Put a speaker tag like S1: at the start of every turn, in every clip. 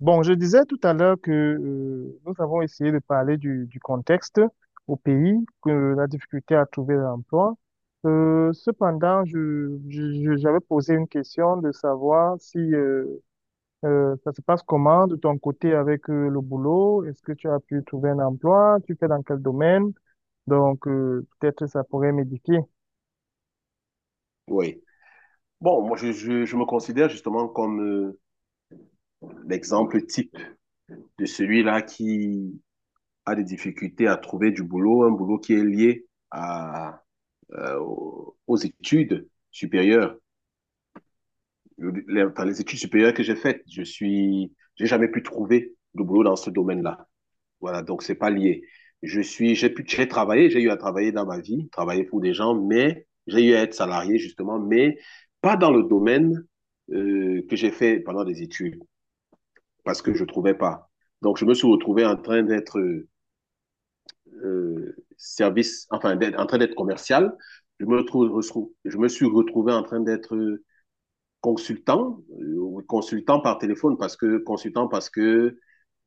S1: Bon, je disais tout à l'heure que nous avons essayé de parler du contexte au pays, que la difficulté à trouver l'emploi. Cependant, j'avais posé une question de savoir si ça se passe comment de ton côté avec le boulot. Est-ce que tu as pu trouver un emploi? Tu fais dans quel domaine? Donc, peut-être ça pourrait m'éduquer.
S2: Oui. Bon, moi, je me considère justement comme l'exemple type de celui-là qui a des difficultés à trouver du boulot, un boulot qui est lié à aux études supérieures. Les études supérieures que j'ai faites, j'ai jamais pu trouver de boulot dans ce domaine-là. Voilà, donc c'est pas lié. Je suis, j'ai pu, j'ai travaillé, j'ai eu à travailler dans ma vie, travailler pour des gens, mais j'ai eu à être salarié justement, mais pas dans le domaine que j'ai fait pendant des études, parce que je ne trouvais pas. Donc, je me suis retrouvé en train d'être en train d'être commercial. Je me, retrouve, je me suis retrouvé en train d'être consultant, consultant par téléphone, consultant parce que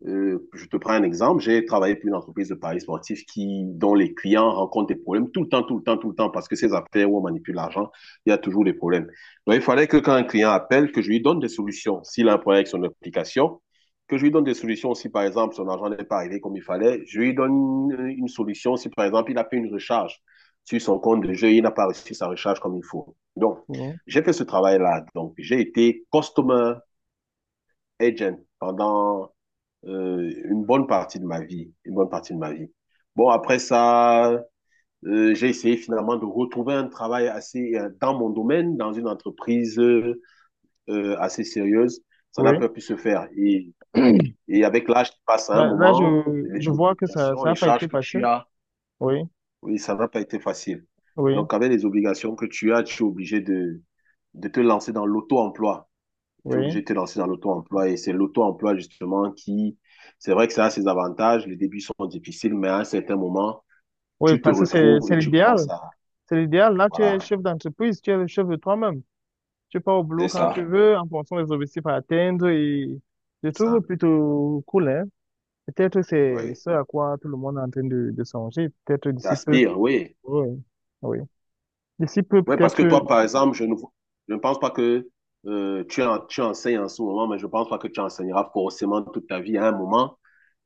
S2: je te prends un exemple. J'ai travaillé pour une entreprise de paris sportifs qui, dont les clients rencontrent des problèmes tout le temps, tout le temps, tout le temps, parce que ces affaires où on manipule l'argent, il y a toujours des problèmes. Donc, il fallait que quand un client appelle, que je lui donne des solutions. S'il a un problème avec son application, que je lui donne des solutions. Si, par exemple, son argent n'est pas arrivé comme il fallait, je lui donne une solution. Si, par exemple, il a fait une recharge sur son compte de jeu, il n'a pas reçu sa recharge comme il faut. Donc,
S1: Oui.
S2: j'ai fait ce travail-là. Donc, j'ai été customer agent pendant une bonne partie de ma vie, une bonne partie de ma vie. Bon, après ça, j'ai essayé finalement de retrouver un travail assez dans mon domaine, dans une entreprise assez sérieuse. Ça n'a
S1: Oui.
S2: pas pu se faire. Et, et avec l'âge qui passe à un
S1: Là, là, je,
S2: moment,
S1: je
S2: les
S1: vois que
S2: obligations,
S1: ça n'a
S2: les
S1: pas été
S2: charges que tu
S1: facile.
S2: as,
S1: Oui,
S2: oui, ça n'a pas été facile.
S1: oui,
S2: Donc, avec les obligations que tu as, tu es obligé de te lancer dans l'auto-emploi. Tu es
S1: oui.
S2: obligé de te lancer dans l'auto-emploi. Et c'est l'auto-emploi, justement, qui, c'est vrai que ça a ses avantages. Les débuts sont difficiles, mais à un certain moment,
S1: Oui,
S2: tu te
S1: parce que
S2: retrouves
S1: c'est
S2: et tu commences
S1: l'idéal.
S2: à,
S1: C'est l'idéal. Là, tu
S2: voilà,
S1: es chef d'entreprise, tu es le chef de toi-même. Tu pars au
S2: c'est
S1: boulot quand
S2: ça.
S1: tu veux, en fonction des objectifs à atteindre et je
S2: C'est
S1: trouve
S2: ça,
S1: plutôt cool, hein. Peut-être c'est
S2: oui.
S1: ce à quoi tout le monde est en train de songer, peut-être d'ici peu.
S2: T'aspires, oui.
S1: Oui, oui. D'ici peu,
S2: Oui, parce que
S1: peut-être,
S2: toi, par exemple, je ne pense pas que tu enseignes en ce moment, mais je ne pense pas que tu enseigneras forcément toute ta vie à un moment.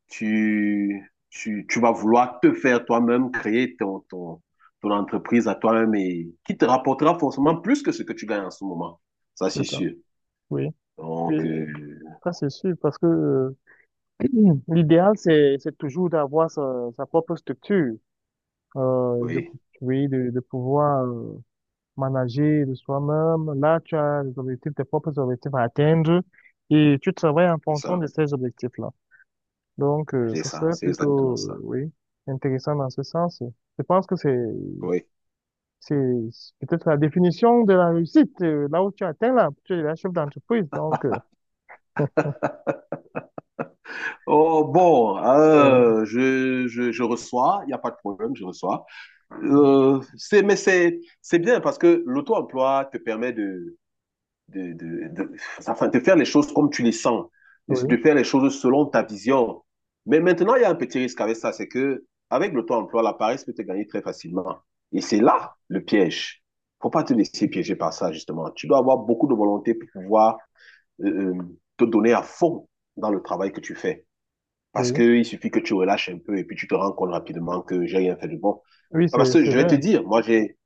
S2: Tu vas vouloir te faire toi-même, créer ton, ton entreprise à toi-même et qui te rapportera forcément plus que ce que tu gagnes en ce moment. Ça,
S1: c'est
S2: c'est
S1: ça.
S2: sûr.
S1: Oui. Oui,
S2: Donc,
S1: ça c'est sûr, parce que l'idéal, c'est toujours d'avoir sa, sa propre structure, euh, de,
S2: oui,
S1: oui, de pouvoir manager de soi-même. Là, tu as les objectifs, tes propres objectifs à atteindre et tu travailles en
S2: c'est
S1: fonction
S2: ça.
S1: de ces objectifs-là. Donc,
S2: C'est
S1: ça
S2: ça.
S1: serait
S2: C'est exactement
S1: plutôt,
S2: ça.
S1: oui, intéressant dans ce sens. Je pense que
S2: Oui.
S1: c'est peut-être la définition de la réussite, là où tu atteins là, tu es la chef d'entreprise. Donc,
S2: Oh, bon,
S1: euh,
S2: je reçois, il n'y a pas de problème, je reçois.
S1: euh,
S2: Mais c'est bien parce que l'auto-emploi te permet de, de, de, de faire les choses comme tu les sens,
S1: oui,
S2: de faire les choses selon ta vision. Mais maintenant, il y a un petit risque avec ça, c'est que avec le temps emploi la paresse peut te gagner très facilement. Et c'est là le piège. Faut pas te laisser piéger par ça, justement. Tu dois avoir beaucoup de volonté pour pouvoir euh, euh, te donner à fond dans le travail que tu fais. Parce
S1: oui,
S2: qu'il suffit que tu relâches un peu et puis tu te rends compte rapidement que j'ai rien fait de bon.
S1: oui,
S2: Ah, parce que
S1: c'est
S2: je vais te
S1: vrai,
S2: dire, moi,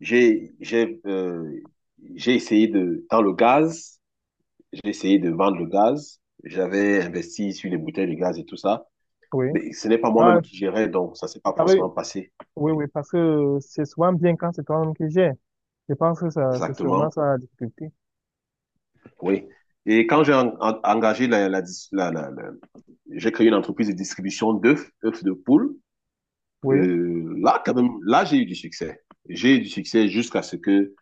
S2: j'ai, j'ai, euh, j'ai essayé de, dans le gaz, j'ai essayé de vendre le gaz. J'avais investi sur les bouteilles de gaz et tout ça.
S1: oui.
S2: Mais ce n'est pas
S1: Ah,
S2: moi-même qui gérais, donc ça ne s'est pas
S1: ah oui,
S2: forcément passé.
S1: oui,
S2: Oui,
S1: oui, parce que c'est souvent bien quand c'est toi-même qui gères. Je pense que ça, c'est sûrement
S2: exactement.
S1: ça la difficulté.
S2: Oui. Et quand engagé la, la, dis- la- la- la- j'ai créé une entreprise de distribution d'œufs, œufs de poule.
S1: Oui,
S2: Là, quand même, là, j'ai eu du succès. J'ai eu du succès jusqu'à ce que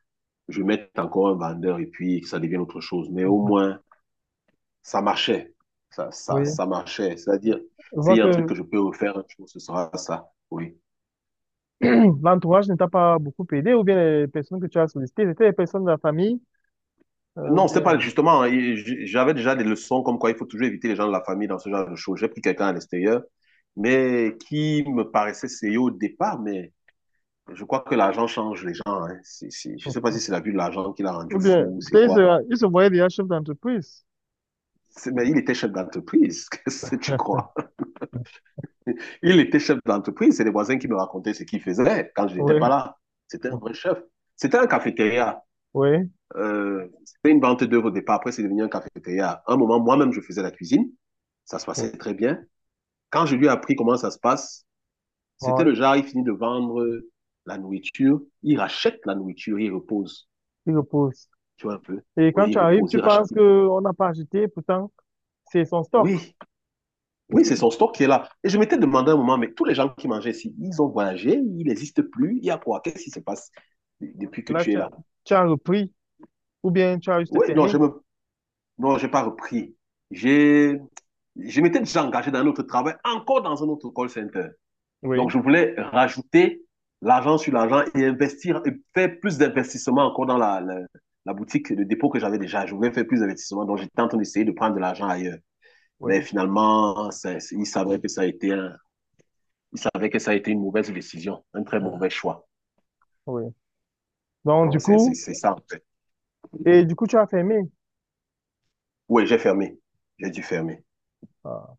S2: je mette encore un vendeur et puis que ça devienne autre chose. Mais au
S1: mhm,
S2: moins, ça marchait. Ça, ça,
S1: oui.
S2: ça marchait. C'est-à-dire,
S1: Je
S2: s'il
S1: vois
S2: y a un truc
S1: que
S2: que je peux refaire, je pense que ce sera ça. Oui.
S1: l'entourage ne t'a pas beaucoup aidé, ou bien les personnes que tu as sollicitées, c'était les personnes de la famille, ou
S2: Non, c'était pas
S1: bien.
S2: justement. J'avais déjà des leçons comme quoi il faut toujours éviter les gens de la famille dans ce genre de choses. J'ai pris quelqu'un à l'extérieur, mais qui me paraissait sérieux au départ, mais je crois que l'argent change les gens. Hein. Je sais pas si c'est la vue de l'argent qui l'a rendu
S1: Ou bien,
S2: fou, c'est
S1: peut-être il
S2: quoi.
S1: sera, il se voyait déjà chef d'entreprise.
S2: Mais il était chef d'entreprise, qu'est-ce que tu crois? Il était chef d'entreprise, c'est les voisins qui me racontaient ce qu'il faisait quand je n'étais
S1: Oui,
S2: pas là. C'était un vrai chef. C'était un cafétéria.
S1: oui,
S2: C'était une vente d'œuvres au départ, après c'est devenu un cafétéria. À un moment, moi-même, je faisais la cuisine, ça se
S1: oui.
S2: passait très bien. Quand je lui ai appris comment ça se passe, c'était
S1: Bon,
S2: le genre, il finit de vendre la nourriture, il rachète la nourriture, il repose,
S1: il repousse.
S2: tu vois un peu.
S1: Et quand
S2: Oui, il
S1: tu arrives,
S2: repose,
S1: tu
S2: il rachète.
S1: penses qu'on n'a pas acheté, pourtant, c'est son stock.
S2: Oui, oui, c'est son stock qui est là. Et je m'étais demandé un moment, mais tous les gens qui mangeaient ici, ils ont voyagé, ils n'existent plus, il y a quoi? Qu'est-ce qui se passe depuis que
S1: Là,
S2: tu es là?
S1: tu as repris, ou bien tu as juste
S2: Oui, non, je
S1: fermé.
S2: me Non, j'ai pas repris. J'ai, je m'étais déjà engagé dans un autre travail, encore dans un autre call center. Donc,
S1: Oui,
S2: je voulais rajouter l'argent sur l'argent et investir, et faire plus d'investissement encore dans la boutique, de dépôt que j'avais déjà. Je voulais faire plus d'investissement. Donc, j'étais en train d'essayer de prendre de l'argent ailleurs.
S1: oui,
S2: Mais finalement, ils savaient que ça a été ils savaient que ça a été une mauvaise décision, un très
S1: oui.
S2: mauvais choix.
S1: Oui. Donc, du
S2: Donc, c'est c'est-
S1: coup,
S2: c'est ça, en fait.
S1: et du coup, tu as fermé.
S2: Oui, j'ai fermé. J'ai dû fermer.
S1: Ah.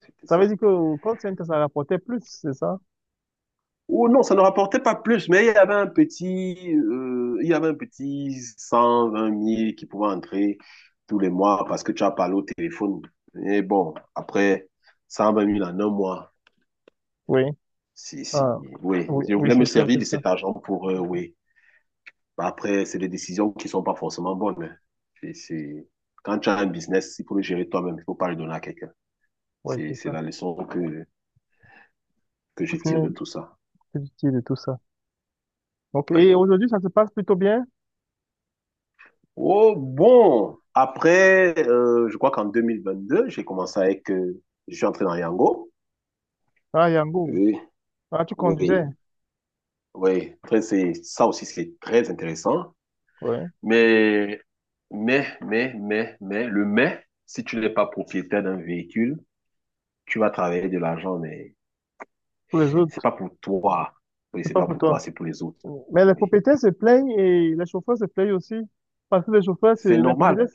S2: C'était
S1: Ça veut
S2: ça.
S1: dire que au call center, ça rapportait plus, c'est ça?
S2: Ou non, ça ne rapportait pas plus, mais il y avait un petit, il y avait un petit 120 000 qui pouvait entrer tous les mois parce que tu as parlé au téléphone. Et bon, après 120 000 en un mois,
S1: Oui.
S2: si,
S1: Ah.
S2: oui.
S1: Oui,
S2: Je
S1: oui,
S2: voulais me
S1: c'est ça,
S2: servir
S1: c'est
S2: de
S1: ça.
S2: cet argent pour, oui. Bah, après, c'est des décisions qui ne sont pas forcément bonnes, hein. C'est, c'est- Quand tu as un business, il faut le gérer toi-même, il ne faut pas le donner à quelqu'un.
S1: Oui,
S2: C'est,
S1: c'est
S2: c'est
S1: ça.
S2: la leçon que je tire de
S1: Pour
S2: tout ça.
S1: c'est utile de tout ça. Ok, et
S2: Oui.
S1: aujourd'hui, ça se passe plutôt bien?
S2: Oh, bon, après, je crois qu'en 2022 j'ai commencé avec, je suis entré dans Yango.
S1: Ah, Yango.
S2: Oui,
S1: Ah, tu
S2: oui,
S1: conduisais.
S2: oui. Après, c'est, ça aussi, c'est très intéressant.
S1: Oui.
S2: Mais, mais si tu n'es pas propriétaire d'un véhicule, tu vas travailler de l'argent, mais
S1: Pour les
S2: c'est
S1: autres.
S2: pas pour toi. Oui,
S1: C'est
S2: c'est
S1: pas
S2: pas
S1: pour
S2: pour toi,
S1: toi.
S2: c'est pour les autres.
S1: Mais les
S2: Oui.
S1: propriétaires se plaignent et les chauffeurs se plaignent aussi. Parce que les chauffeurs, se-
S2: C'est normal.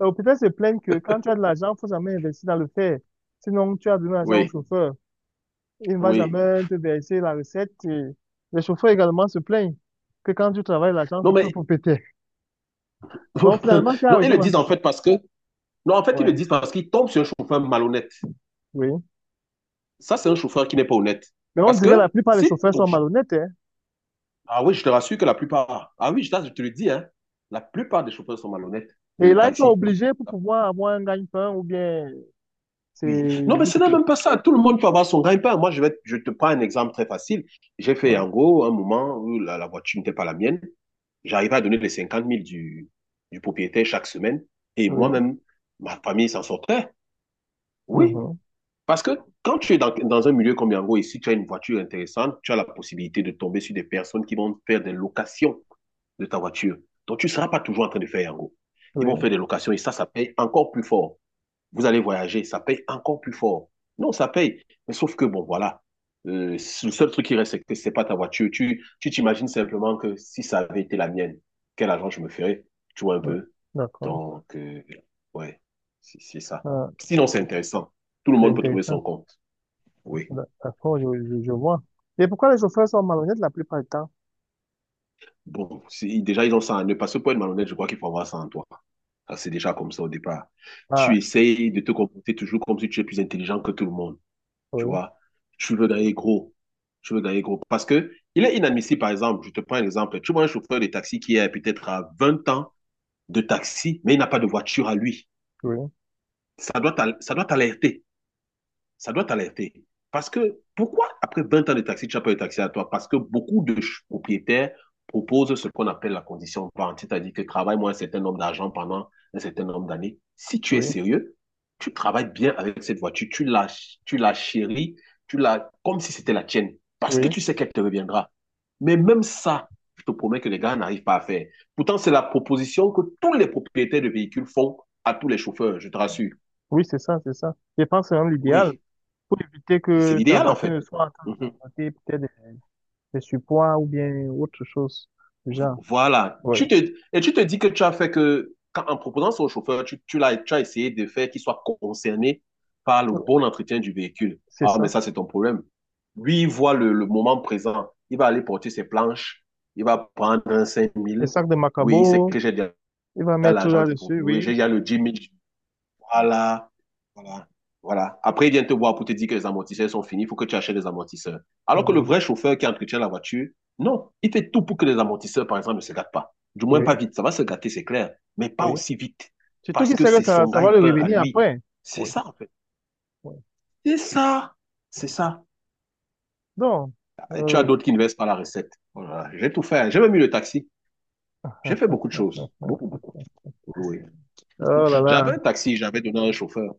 S1: les propriétaires se plaignent que quand tu as de l'argent, il faut jamais investir dans le fer. Sinon, tu as donné l'argent au
S2: Oui,
S1: chauffeur. Il ne va
S2: oui.
S1: jamais te verser la recette. Et les chauffeurs également se plaignent que quand tu travailles, l'argent,
S2: Non,
S1: c'est pour le
S2: mais,
S1: propriétaire. Donc, finalement, qui a
S2: non, ils
S1: raison
S2: le
S1: dans
S2: disent
S1: tout
S2: en
S1: ça?
S2: fait parce que, non, en fait, ils le
S1: Ouais,
S2: disent parce qu'ils tombent sur un chauffeur malhonnête.
S1: oui.
S2: Ça, c'est un chauffeur qui n'est pas honnête.
S1: Mais on
S2: Parce
S1: dirait que la
S2: que
S1: plupart des
S2: si
S1: chauffeurs
S2: ton...
S1: sont malhonnêtes, hein.
S2: Ah oui, je te rassure que la plupart... Ah oui, je te le dis, hein, la plupart des chauffeurs sont malhonnêtes
S1: Et
S2: de
S1: là, ils sont
S2: taxi.
S1: obligés pour
S2: Ah,
S1: pouvoir avoir un gagne-pain ou bien c'est
S2: oui. Non, mais ce
S1: juste.
S2: n'est même pas ça. Tout le monde peut avoir son gagne-pain. Moi, je te prends un exemple très facile. J'ai fait
S1: Ouais,
S2: en gros un moment où la voiture n'était pas la mienne. J'arrivais à donner les 50 000 du propriétaire chaque semaine. Et
S1: oui,
S2: moi-même, ma famille s'en sortait. Oui,
S1: mhm,
S2: parce que quand tu es dans un milieu comme Yango ici, tu as une voiture intéressante, tu as la possibilité de tomber sur des personnes qui vont faire des locations de ta voiture. Donc, tu ne seras pas toujours en train de faire Yango. Ils
S1: oui,
S2: vont faire des locations et ça paye encore plus fort. Vous allez voyager, ça paye encore plus fort. Non, ça paye. Mais sauf que, bon, voilà. Le seul truc qui reste, c'est que c'est pas ta voiture. Tu t'imagines simplement que si ça avait été la mienne, quel argent je me ferais? Tu vois un
S1: ouais,
S2: peu?
S1: d'accord.
S2: Donc, ouais, c'est ça.
S1: Ah,
S2: Sinon, c'est intéressant. Tout le
S1: c'est
S2: monde peut trouver son
S1: intéressant.
S2: compte. Oui.
S1: D'accord, je vois. Et pourquoi les chauffeurs sont malhonnêtes la plupart du temps?
S2: Bon, déjà, ils ont ça en eux. Parce que pour être malhonnête, je crois qu'il faut avoir ça en toi. Ça, c'est déjà comme ça au départ.
S1: Ah,
S2: Tu essayes de te comporter toujours comme si tu es plus intelligent que tout le monde, tu
S1: oui,
S2: vois. Tu veux gagner gros. Tu veux gagner gros. Parce que il est inadmissible, par exemple, je te prends un exemple. Tu vois un chauffeur de taxi qui est peut-être à 20 ans de taxi, mais il n'a pas de voiture à lui.
S1: oui,
S2: Ça doit t'alerter, ça doit t'alerter. Parce que pourquoi après 20 ans de taxi, tu n'as pas eu taxi à toi? Parce que beaucoup de propriétaires proposent ce qu'on appelle la condition vente, c'est-à-dire que travaille moins un certain nombre d'argent pendant un certain nombre d'années. Si tu es
S1: oui,
S2: sérieux, tu travailles bien avec cette voiture, tu la chéris, comme si c'était la tienne, parce que
S1: oui,
S2: tu sais qu'elle te reviendra. Mais même ça, je te promets que les gars n'arrivent pas à faire. Pourtant, c'est la proposition que tous les propriétaires de véhicules font à tous les chauffeurs, je te rassure.
S1: oui, c'est ça, c'est ça. Je pense que c'est même l'idéal
S2: Oui,
S1: pour éviter
S2: c'est
S1: que ta
S2: l'idéal en
S1: voiture
S2: fait.
S1: ne soit en train de
S2: Mmh.
S1: transporter peut-être des surpoids ou bien autre chose du genre.
S2: Voilà.
S1: Oui,
S2: Et tu te dis que tu as fait que, en proposant ça au chauffeur, tu as essayé de faire qu'il soit concerné par le bon entretien du véhicule.
S1: c'est
S2: Ah, mais
S1: ça.
S2: ça, c'est ton problème. Lui, il voit le moment présent. Il va aller porter ses planches. Il va prendre un cinq
S1: Les
S2: mille
S1: sacs de
S2: Oui, il sait
S1: Macabo,
S2: que j'ai déjà
S1: il va mettre
S2: l'argent du
S1: là-dessus,
S2: produit. Oui, j'ai
S1: oui,
S2: déjà le 10 000. Voilà, voilà, voilà. Après, il vient te voir pour te dire que les amortisseurs sont finis, il faut que tu achètes des amortisseurs. Alors que le
S1: mhm,
S2: vrai chauffeur qui entretient la voiture, non, il fait tout pour que les amortisseurs, par exemple, ne se gâtent pas. Du moins
S1: oui,
S2: pas vite. Ça va se gâter, c'est clair, mais pas
S1: oui.
S2: aussi vite.
S1: Surtout
S2: Parce
S1: qu'il
S2: que
S1: sait que
S2: c'est
S1: ça,
S2: son
S1: ça va
S2: gagne
S1: le
S2: pain à
S1: revenir
S2: lui.
S1: après.
S2: C'est
S1: Oui,
S2: ça, en fait.
S1: oui.
S2: C'est ça. C'est ça.
S1: Donc,
S2: Et tu as
S1: euh,
S2: d'autres qui ne versent pas la recette. Voilà. J'ai tout fait. J'ai même mis le taxi. J'ai fait beaucoup de choses. Beaucoup, beaucoup, oui.
S1: oh là là,
S2: J'avais un taxi, j'avais donné à un chauffeur.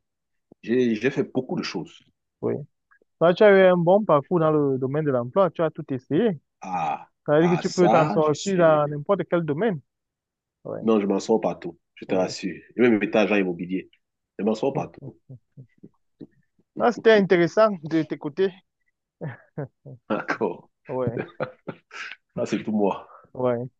S2: J'ai fait beaucoup de choses.
S1: oui. Toi, tu as eu un bon parcours dans le domaine de l'emploi, tu as tout essayé.
S2: Ah,
S1: Ça veut dire que tu peux t'en
S2: ça, je
S1: sortir
S2: suis.
S1: dans n'importe quel domaine. Oui,
S2: Non, je m'en sors partout, je te
S1: oui.
S2: rassure. J'ai même été agent immobilier. Je m'en sors partout.
S1: Hmm. Ah, c'était intéressant de t'écouter.
S2: D'accord.
S1: Oui,
S2: Là, c'est tout moi.
S1: oui.